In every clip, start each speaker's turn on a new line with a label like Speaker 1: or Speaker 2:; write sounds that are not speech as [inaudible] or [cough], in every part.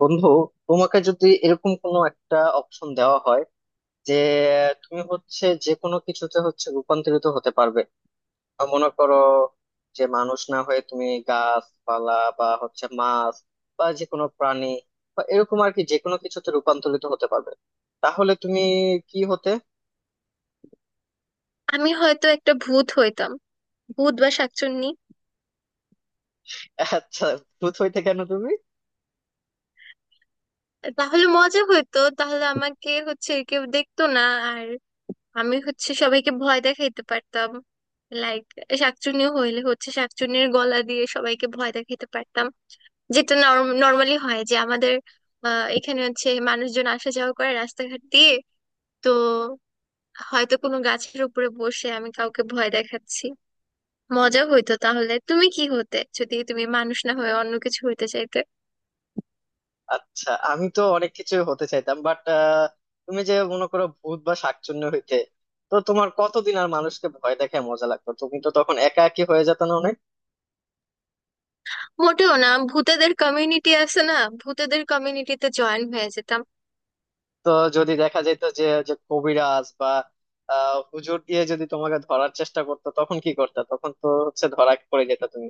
Speaker 1: বন্ধু, তোমাকে যদি এরকম কোনো একটা অপশন দেওয়া হয় যে তুমি হচ্ছে যে কোনো কিছুতে হচ্ছে রূপান্তরিত হতে পারবে। মনে করো যে মানুষ না হয়ে তুমি গাছপালা বা হচ্ছে মাছ বা যে কোনো প্রাণী বা এরকম আর কি যে কোনো কিছুতে রূপান্তরিত হতে পারবে, তাহলে তুমি কি হতে?
Speaker 2: আমি হয়তো একটা ভূত হইতাম। ভূত বা শাকচুন্নি।
Speaker 1: আচ্ছা, ভূত হইতে কেন তুমি?
Speaker 2: তাহলে মজা হইতো, তাহলে আমাকে হচ্ছে কেউ দেখতো না। আর আমি হচ্ছে সবাইকে ভয় দেখাইতে পারতাম। লাইক, শাকচুন্নি হইলে হচ্ছে শাকচুন্নির গলা দিয়ে সবাইকে ভয় দেখাইতে পারতাম, যেটা নর্মালি হয় যে আমাদের এখানে হচ্ছে মানুষজন আসা যাওয়া করে রাস্তাঘাট দিয়ে। তো হয়তো কোনো গাছের উপরে বসে আমি কাউকে ভয় দেখাচ্ছি। মজা হইতো। তাহলে তুমি কি হতে, যদি তুমি মানুষ না হয়ে অন্য কিছু হইতে চাইতে?
Speaker 1: আচ্ছা, আমি তো অনেক কিছু হতে চাইতাম, বাট তুমি যে মনে করো ভূত বা শাকচুন্নি হইতে, তো তোমার কতদিন আর মানুষকে ভয় দেখায় মজা লাগতো? তুমি তো তখন একা একই হয়ে যেত না অনেক।
Speaker 2: মোটেও না, ভূতেদের কমিউনিটি আছে না? ভূতেদের কমিউনিটিতে জয়েন হয়ে যেতাম।
Speaker 1: তো যদি দেখা যেত যে যে কবিরাজ বা হুজুর দিয়ে যদি তোমাকে ধরার চেষ্টা করতো, তখন কি করতে? তখন তো হচ্ছে ধরা পড়ে যেত তুমি।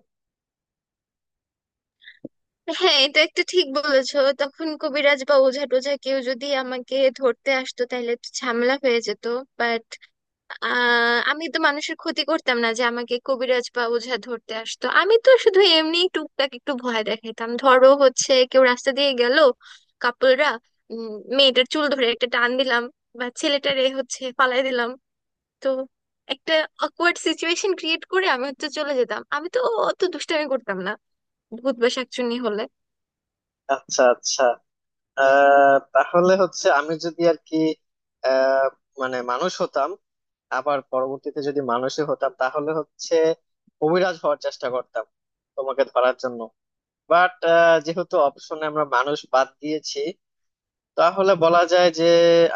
Speaker 2: হ্যাঁ, এটা একটা ঠিক বলেছো। তখন কবিরাজ বা ওঝা টোঝা কেউ যদি আমাকে ধরতে আসতো তাহলে একটু ঝামেলা হয়ে যেত। বাট আমি তো মানুষের ক্ষতি করতাম না যে আমাকে কবিরাজ বা ওঝা ধরতে আসতো। আমি তো শুধু এমনি টুকটাক একটু ভয় দেখাতাম। ধরো হচ্ছে কেউ রাস্তা দিয়ে গেল, কাপড়রা মেয়েটার চুল ধরে একটা টান দিলাম, বা ছেলেটারে হচ্ছে পালাই দিলাম। তো একটা অকওয়ার্ড সিচুয়েশন ক্রিয়েট করে আমি হচ্ছে চলে যেতাম। আমি তো অত দুষ্টামি করতাম না ভূত বা শাকচুন্নি হলে।
Speaker 1: আচ্ছা, আচ্ছা। তাহলে হচ্ছে আমি যদি আর কি আহ মানে মানুষ হতাম, আবার পরবর্তীতে যদি মানুষই হতাম, তাহলে হচ্ছে অভিরাজ হওয়ার চেষ্টা করতাম তোমাকে ধরার জন্য। বাট যেহেতু অপশনে আমরা মানুষ বাদ দিয়েছি, তাহলে বলা যায় যে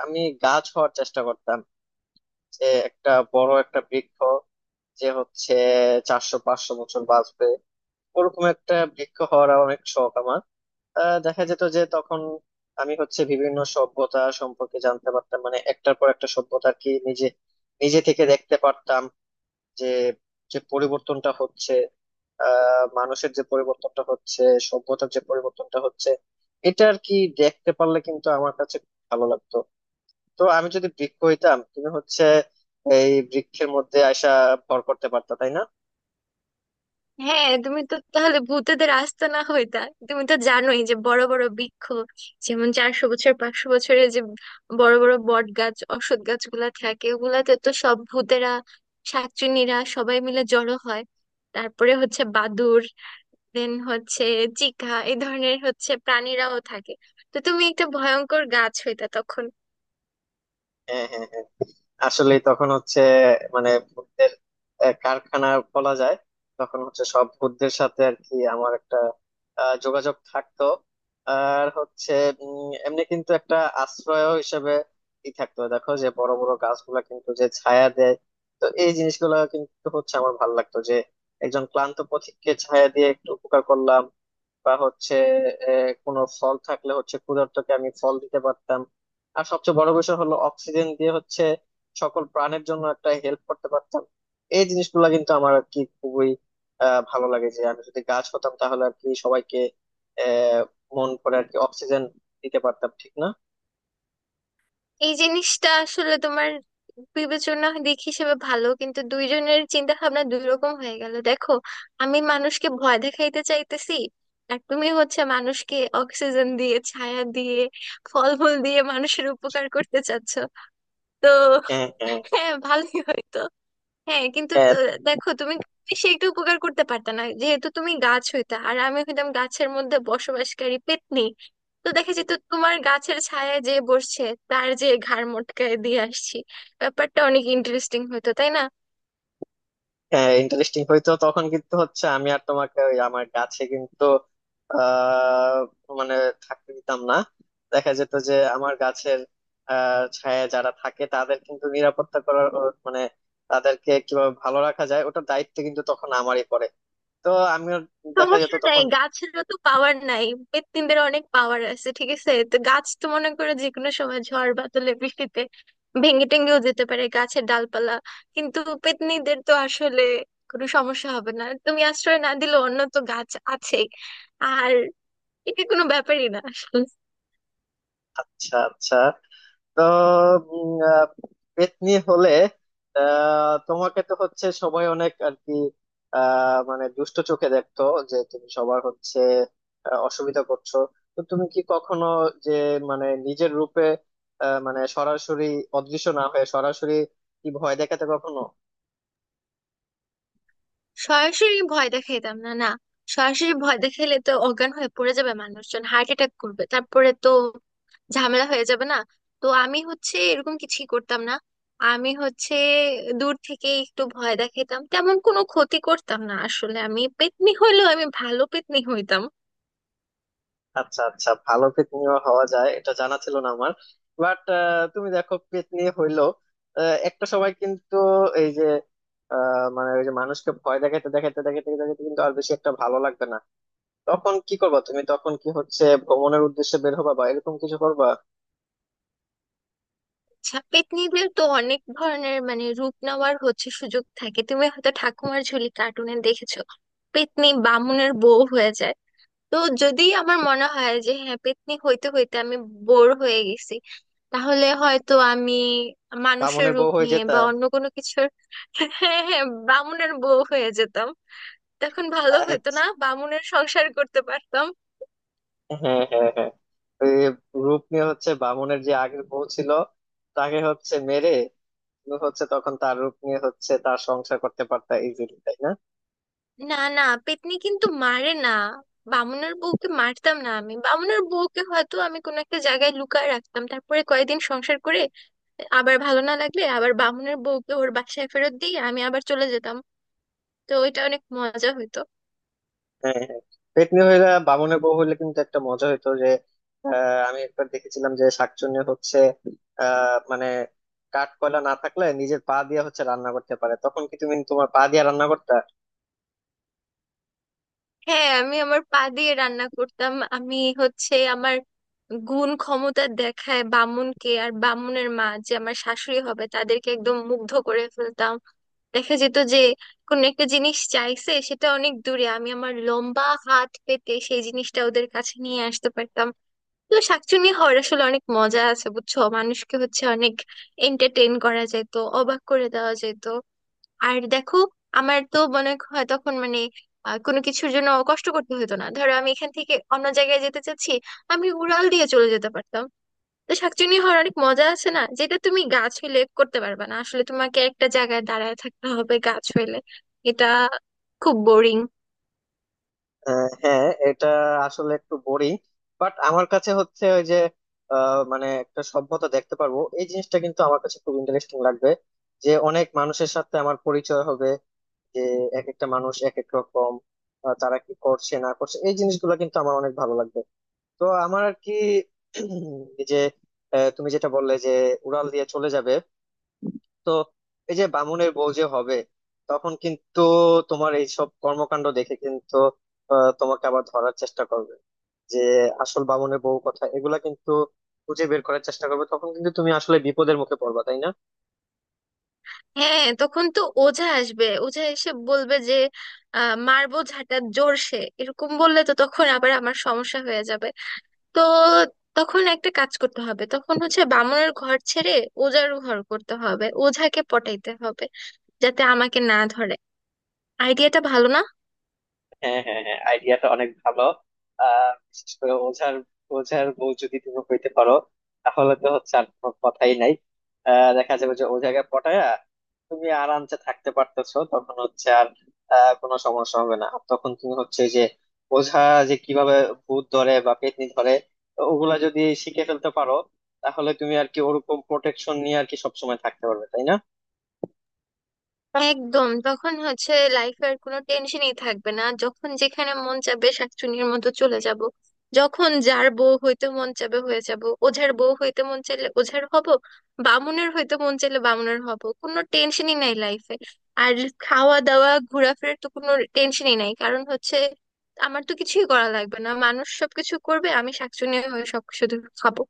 Speaker 1: আমি গাছ হওয়ার চেষ্টা করতাম, যে একটা বড় একটা বৃক্ষ, যে হচ্ছে 400-500 বছর বাঁচবে, ওরকম একটা বৃক্ষ হওয়ার অনেক শখ আমার। দেখা যেত যে তখন আমি হচ্ছে বিভিন্ন সভ্যতা সম্পর্কে জানতে পারতাম, মানে একটার পর একটা সভ্যতা আর কি নিজে নিজে থেকে দেখতে পারতাম, যে যে পরিবর্তনটা হচ্ছে, মানুষের যে পরিবর্তনটা হচ্ছে, সভ্যতার যে পরিবর্তনটা হচ্ছে, এটা আর কি দেখতে পারলে কিন্তু আমার কাছে খুব ভালো লাগতো। তো আমি যদি বৃক্ষ হইতাম, তুমি হচ্ছে এই বৃক্ষের মধ্যে আয়সা ভর করতে পারতা, তাই না?
Speaker 2: হ্যাঁ, তুমি তো তাহলে ভূতেদের আস্ত না হইতা। তুমি তো জানোই যে বড় বড় বৃক্ষ, যেমন 400 বছর 500 বছরের যে বড় বড় বট গাছ অশ্বত্থ গাছগুলা থাকে, ওগুলাতে তো সব ভূতেরা, শাকচুন্নিরা সবাই মিলে জড়ো হয়। তারপরে হচ্ছে বাদুড়, দেন হচ্ছে চিকা, এই ধরনের হচ্ছে প্রাণীরাও থাকে। তো তুমি একটা ভয়ঙ্কর গাছ হইতা তখন।
Speaker 1: হ্যাঁ, হ্যাঁ, হ্যাঁ। আসলে তখন হচ্ছে মানে ভূতদের কারখানা বলা যায়। তখন হচ্ছে সব ভূতদের সাথে আর কি আমার একটা যোগাযোগ থাকতো। আর হচ্ছে এমনি কিন্তু একটা আশ্রয় হিসেবে ই থাকতো। দেখো যে বড় বড় গাছগুলা কিন্তু যে ছায়া দেয়, তো এই জিনিসগুলো কিন্তু হচ্ছে আমার ভালো লাগতো যে একজন ক্লান্ত পথিককে ছায়া দিয়ে একটু উপকার করলাম, বা হচ্ছে কোনো ফল থাকলে হচ্ছে ক্ষুধার্তকে আমি ফল দিতে পারতাম। আর সবচেয়ে বড় বিষয় হলো অক্সিজেন দিয়ে হচ্ছে সকল প্রাণের জন্য একটা হেল্প করতে পারতাম। এই জিনিসগুলো কিন্তু আমার আর কি খুবই ভালো লাগে যে আমি যদি গাছ হতাম, তাহলে আর কি সবাইকে আহ মন করে আর কি অক্সিজেন দিতে পারতাম, ঠিক না?
Speaker 2: এই জিনিসটা আসলে তোমার বিবেচনা দিক হিসেবে ভালো, কিন্তু দুইজনের চিন্তা ভাবনা দুই রকম হয়ে গেল দেখো। আমি মানুষকে ভয় দেখাইতে চাইতেছি, আর তুমি হচ্ছে মানুষকে অক্সিজেন দিয়ে, ছায়া দিয়ে, ফলমূল দিয়ে মানুষের উপকার করতে চাচ্ছ। তো
Speaker 1: হ্যাঁ,
Speaker 2: হ্যাঁ, ভালোই হয়তো। হ্যাঁ কিন্তু
Speaker 1: হ্যাঁ,
Speaker 2: দেখো তুমি বেশি একটু উপকার করতে পারতে না, যেহেতু তুমি গাছ হইতা আর আমি হইতাম গাছের মধ্যে বসবাসকারী পেত্নী। তো দেখা যেত তোমার গাছের ছায়ায় যে বসছে, তার যে ঘাড় মটকায় দিয়ে আসছি। ব্যাপারটা অনেক ইন্টারেস্টিং হতো তাই না?
Speaker 1: হ্যাঁ, ইন্টারেস্টিং হইতো তখন, কিন্তু হচ্ছে আমি আর তোমাকে ওই আমার গাছে কিন্তু আহ মানে থাকতে দিতাম না। দেখা যেত যে আমার গাছের ছায়ায় যারা থাকে তাদের কিন্তু নিরাপত্তা করার ও মানে তাদেরকে কিভাবে ভালো রাখা যায়, ওটার দায়িত্ব কিন্তু তখন আমারই পড়ে। তো আমিও দেখা যেত
Speaker 2: সমস্যা নাই,
Speaker 1: তখন।
Speaker 2: গাছেরও তো পাওয়ার নাই। পেত্নীদের অনেক পাওয়ার আছে, ঠিক আছে? তো গাছ তো মনে করে যে কোনো সময় ঝড় বাদলে বৃষ্টিতে ভেঙে টেঙ্গেও যেতে পারে গাছের ডালপালা। কিন্তু পেত্নীদের তো আসলে কোনো সমস্যা হবে না, তুমি আশ্রয় না দিলে অন্য তো গাছ আছেই। আর এটা কোনো ব্যাপারই না আসলে।
Speaker 1: আচ্ছা, আচ্ছা। তো উম, আহ, পেত্নী হলে তোমাকে তো হচ্ছে সবাই অনেক আর কি মানে দুষ্ট চোখে দেখতো যে তুমি সবার হচ্ছে অসুবিধা করছো। তো তুমি কি কখনো যে মানে নিজের রূপে মানে সরাসরি, অদৃশ্য না হয়ে সরাসরি, কি ভয় দেখাতে কখনো?
Speaker 2: সরাসরি ভয় দেখাইতাম না, না। সরাসরি ভয় দেখাইলে তো অজ্ঞান হয়ে পড়ে যাবে মানুষজন, হার্ট অ্যাটাক করবে, তারপরে তো ঝামেলা হয়ে যাবে না? তো আমি হচ্ছে এরকম কিছুই করতাম না। আমি হচ্ছে দূর থেকে একটু ভয় দেখাতাম, তেমন কোনো ক্ষতি করতাম না আসলে। আমি পেতনি হইলেও আমি ভালো পেতনি হইতাম।
Speaker 1: আচ্ছা, আচ্ছা, ভালো পেতনিও হওয়া যায়, এটা জানা ছিল না আমার। বাট তুমি দেখো পেতনি হইলো একটা সময়, কিন্তু এই যে মানে ওই যে মানুষকে ভয় দেখাতে দেখাতে দেখাতে দেখাতে কিন্তু আর বেশি একটা ভালো লাগবে না, তখন কি করবা তুমি? তখন কি হচ্ছে ভ্রমণের উদ্দেশ্যে বের হবা বা এরকম কিছু করবা?
Speaker 2: আচ্ছা, পেতনিদের তো অনেক ধরনের মানে রূপ নেওয়ার হচ্ছে সুযোগ থাকে। তুমি হয়তো ঠাকুমার ঝুলি কার্টুনে দেখেছো পেতনি বামুনের বউ হয়ে যায়। তো যদি আমার মনে হয় যে হ্যাঁ পেত্নী হইতে হইতে আমি বোর হয়ে গেছি, তাহলে হয়তো আমি মানুষের
Speaker 1: বামুনের বউ
Speaker 2: রূপ
Speaker 1: হয়ে
Speaker 2: নিয়ে
Speaker 1: যেতা?
Speaker 2: বা অন্য কোনো কিছুর [laughs] হ্যাঁ হ্যাঁ, বামুনের বউ হয়ে যেতাম। তখন ভালো
Speaker 1: আহ,
Speaker 2: হতো না? বামুনের সংসার করতে পারতাম।
Speaker 1: হ্যাঁ, হ্যাঁ, হ্যাঁ। ওই রূপ নিয়ে হচ্ছে বামুনের যে আগের বউ ছিল, তাকে হচ্ছে মেরে তুমি হচ্ছে তখন তার রূপ নিয়ে হচ্ছে তার সংসার করতে পারতা ইজিলি, তাই না?
Speaker 2: না না, পেত্নী কিন্তু মারে না। বামুনের বউকে মারতাম না আমি। বামুনের বউকে হয়তো আমি কোনো একটা জায়গায় লুকায় রাখতাম, তারপরে কয়েকদিন সংসার করে আবার ভালো না লাগলে আবার বামুনের বউকে ওর বাসায় ফেরত দিয়ে আমি আবার চলে যেতাম। তো ওইটা অনেক মজা হতো।
Speaker 1: হ্যাঁ, হ্যাঁ, পেতনি হইলে বামুনের বউ হইলে কিন্তু একটা মজা হইতো যে আমি একবার দেখেছিলাম যে শাকচুন্নি হচ্ছে মানে কাঠ কয়লা না থাকলে নিজের পা দিয়ে হচ্ছে রান্না করতে পারে, তখন কি তুমি তোমার পা দিয়ে রান্না করতে?
Speaker 2: হ্যাঁ, আমি আমার পা দিয়ে রান্না করতাম। আমি হচ্ছে আমার গুণ ক্ষমতা দেখায় বামুনকে আর বামুনের মা যে আমার শাশুড়ি হবে তাদেরকে একদম মুগ্ধ করে ফেলতাম। দেখা যেত যে কোন একটা জিনিস চাইছে, সেটা অনেক দূরে, আমি আমার লম্বা হাত পেতে সেই জিনিসটা ওদের কাছে নিয়ে আসতে পারতাম। তো শাকচুনি হওয়ার আসলে অনেক মজা আছে, বুঝছো? মানুষকে হচ্ছে অনেক এন্টারটেইন করা যেত, অবাক করে দেওয়া যেত। আর দেখো, আমার তো মনে হয় তখন মানে কোনো কিছুর জন্য কষ্ট করতে হতো না। ধরো আমি এখান থেকে অন্য জায়গায় যেতে চাচ্ছি, আমি উড়াল দিয়ে চলে যেতে পারতাম। তো শাকচুনি হওয়ার অনেক মজা আছে না, যেটা তুমি গাছ হইলে করতে পারবে না। আসলে তোমাকে একটা জায়গায় দাঁড়ায় থাকতে হবে গাছ হইলে। এটা খুব বোরিং।
Speaker 1: হ্যাঁ, এটা আসলে একটু বোরিং, বাট আমার কাছে হচ্ছে ওই যে মানে একটা সভ্যতা দেখতে পারবো, এই জিনিসটা কিন্তু আমার কাছে খুব ইন্টারেস্টিং লাগবে। যে অনেক মানুষের সাথে আমার পরিচয় হবে, যে এক একটা মানুষ এক এক রকম, তারা কি করছে না করছে, এই জিনিসগুলো কিন্তু আমার অনেক ভালো লাগবে। তো আমার আর কি [clears throat] এই যে তুমি যেটা বললে যে উড়াল দিয়ে চলে যাবে, তো এই যে বামুনের বউ যে হবে, তখন কিন্তু তোমার এইসব কর্মকাণ্ড দেখে কিন্তু তোমাকে আবার ধরার চেষ্টা করবে, যে আসল বামুনের বউ কথা এগুলা কিন্তু খুঁজে বের করার চেষ্টা করবে। তখন কিন্তু তুমি আসলে বিপদের মুখে পড়বা, তাই না?
Speaker 2: হ্যাঁ, তখন তো ওঝা আসবে। ওঝা এসে বলবে যে মারবো ঝাঁটা জোরসে, এরকম বললে তো তখন আবার আমার সমস্যা হয়ে যাবে। তো তখন একটা কাজ করতে হবে, তখন হচ্ছে বামুনের ঘর ছেড়ে ওঝার ঘর করতে হবে, ওঝাকে পটাইতে হবে যাতে আমাকে না ধরে। আইডিয়াটা ভালো না?
Speaker 1: হ্যাঁ, হ্যাঁ, হ্যাঁ, আইডিয়াটা অনেক ভালো। বিশেষ করে ওঝার ওঝার বউ যদি তুমি হইতে পারো, তাহলে তো হচ্ছে আর কোনো কথাই নাই। দেখা যাবে যে ও জায়গায় পটায়া তুমি আরামসে থাকতে পারতেছো, তখন হচ্ছে আর কোনো সমস্যা হবে না। তখন তুমি হচ্ছে যে ওঝা যে কিভাবে ভূত ধরে বা পেতনি ধরে, তো ওগুলা যদি শিখে ফেলতে পারো, তাহলে তুমি আর কি ওরকম প্রোটেকশন নিয়ে আর কি সবসময় থাকতে পারবে, তাই না?
Speaker 2: একদম, তখন হচ্ছে লাইফের কোনো টেনশনই থাকবে না। যখন যেখানে মন চাবে শাকচুন্নির মতো চলে যাব, যখন যার বউ হইতে মন চাবে হয়ে যাব। ওঝার বউ হইতে মন চাইলে ওঝার হব, বামুনের হইতে মন চাইলে বামুনের হব। কোনো টেনশনই নাই লাইফে। আর খাওয়া দাওয়া ঘোরাফেরার তো কোনো টেনশনই নাই, কারণ হচ্ছে আমার তো কিছুই করা লাগবে না, মানুষ সবকিছু করবে। আমি শাকচুন্নি হয়ে সব শুধু খাবো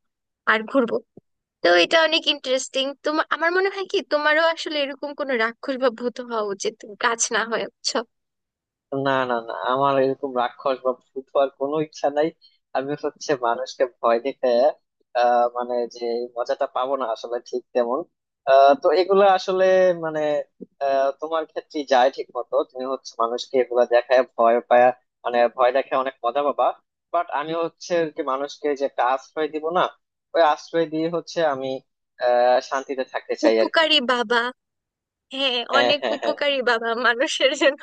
Speaker 2: আর ঘুরবো। তো এটা অনেক ইন্টারেস্টিং। তোমার, আমার মনে হয় কি, তোমারও আসলে এরকম কোনো রাক্ষস বা ভূত হওয়া উচিত, তুমি গাছ না হয়ে, বুঝছো?
Speaker 1: না, না, না, আমার এরকম রাক্ষস বা ভূত হওয়ার কোনো ইচ্ছা নাই। আমি হচ্ছে মানুষকে ভয় দেখে মানে যে এই মজাটা পাবো না আসলে ঠিক তেমন। তো এগুলা আসলে মানে তোমার ক্ষেত্রে যায় ঠিক মতো, তুমি হচ্ছে মানুষকে এগুলা দেখায় ভয় পায়, মানে ভয় দেখে অনেক মজা পাবা। বাট আমি হচ্ছে আর কি মানুষকে যে একটা আশ্রয় দিব না, ওই আশ্রয় দিয়ে হচ্ছে আমি শান্তিতে থাকতে চাই আর কি।
Speaker 2: উপকারী বাবা, হ্যাঁ
Speaker 1: হ্যাঁ,
Speaker 2: অনেক
Speaker 1: হ্যাঁ, হ্যাঁ।
Speaker 2: উপকারী বাবা মানুষের জন্য।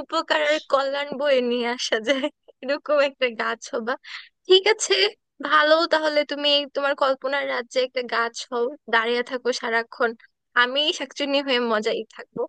Speaker 2: উপকার আর কল্যাণ বয়ে নিয়ে আসা যায় এরকম একটা গাছ হবা। ঠিক আছে, ভালো। তাহলে তুমি তোমার কল্পনার রাজ্যে একটা গাছ হও, দাঁড়িয়ে থাকো সারাক্ষণ। আমি শাকচুন্নি হয়ে মজাই থাকবো।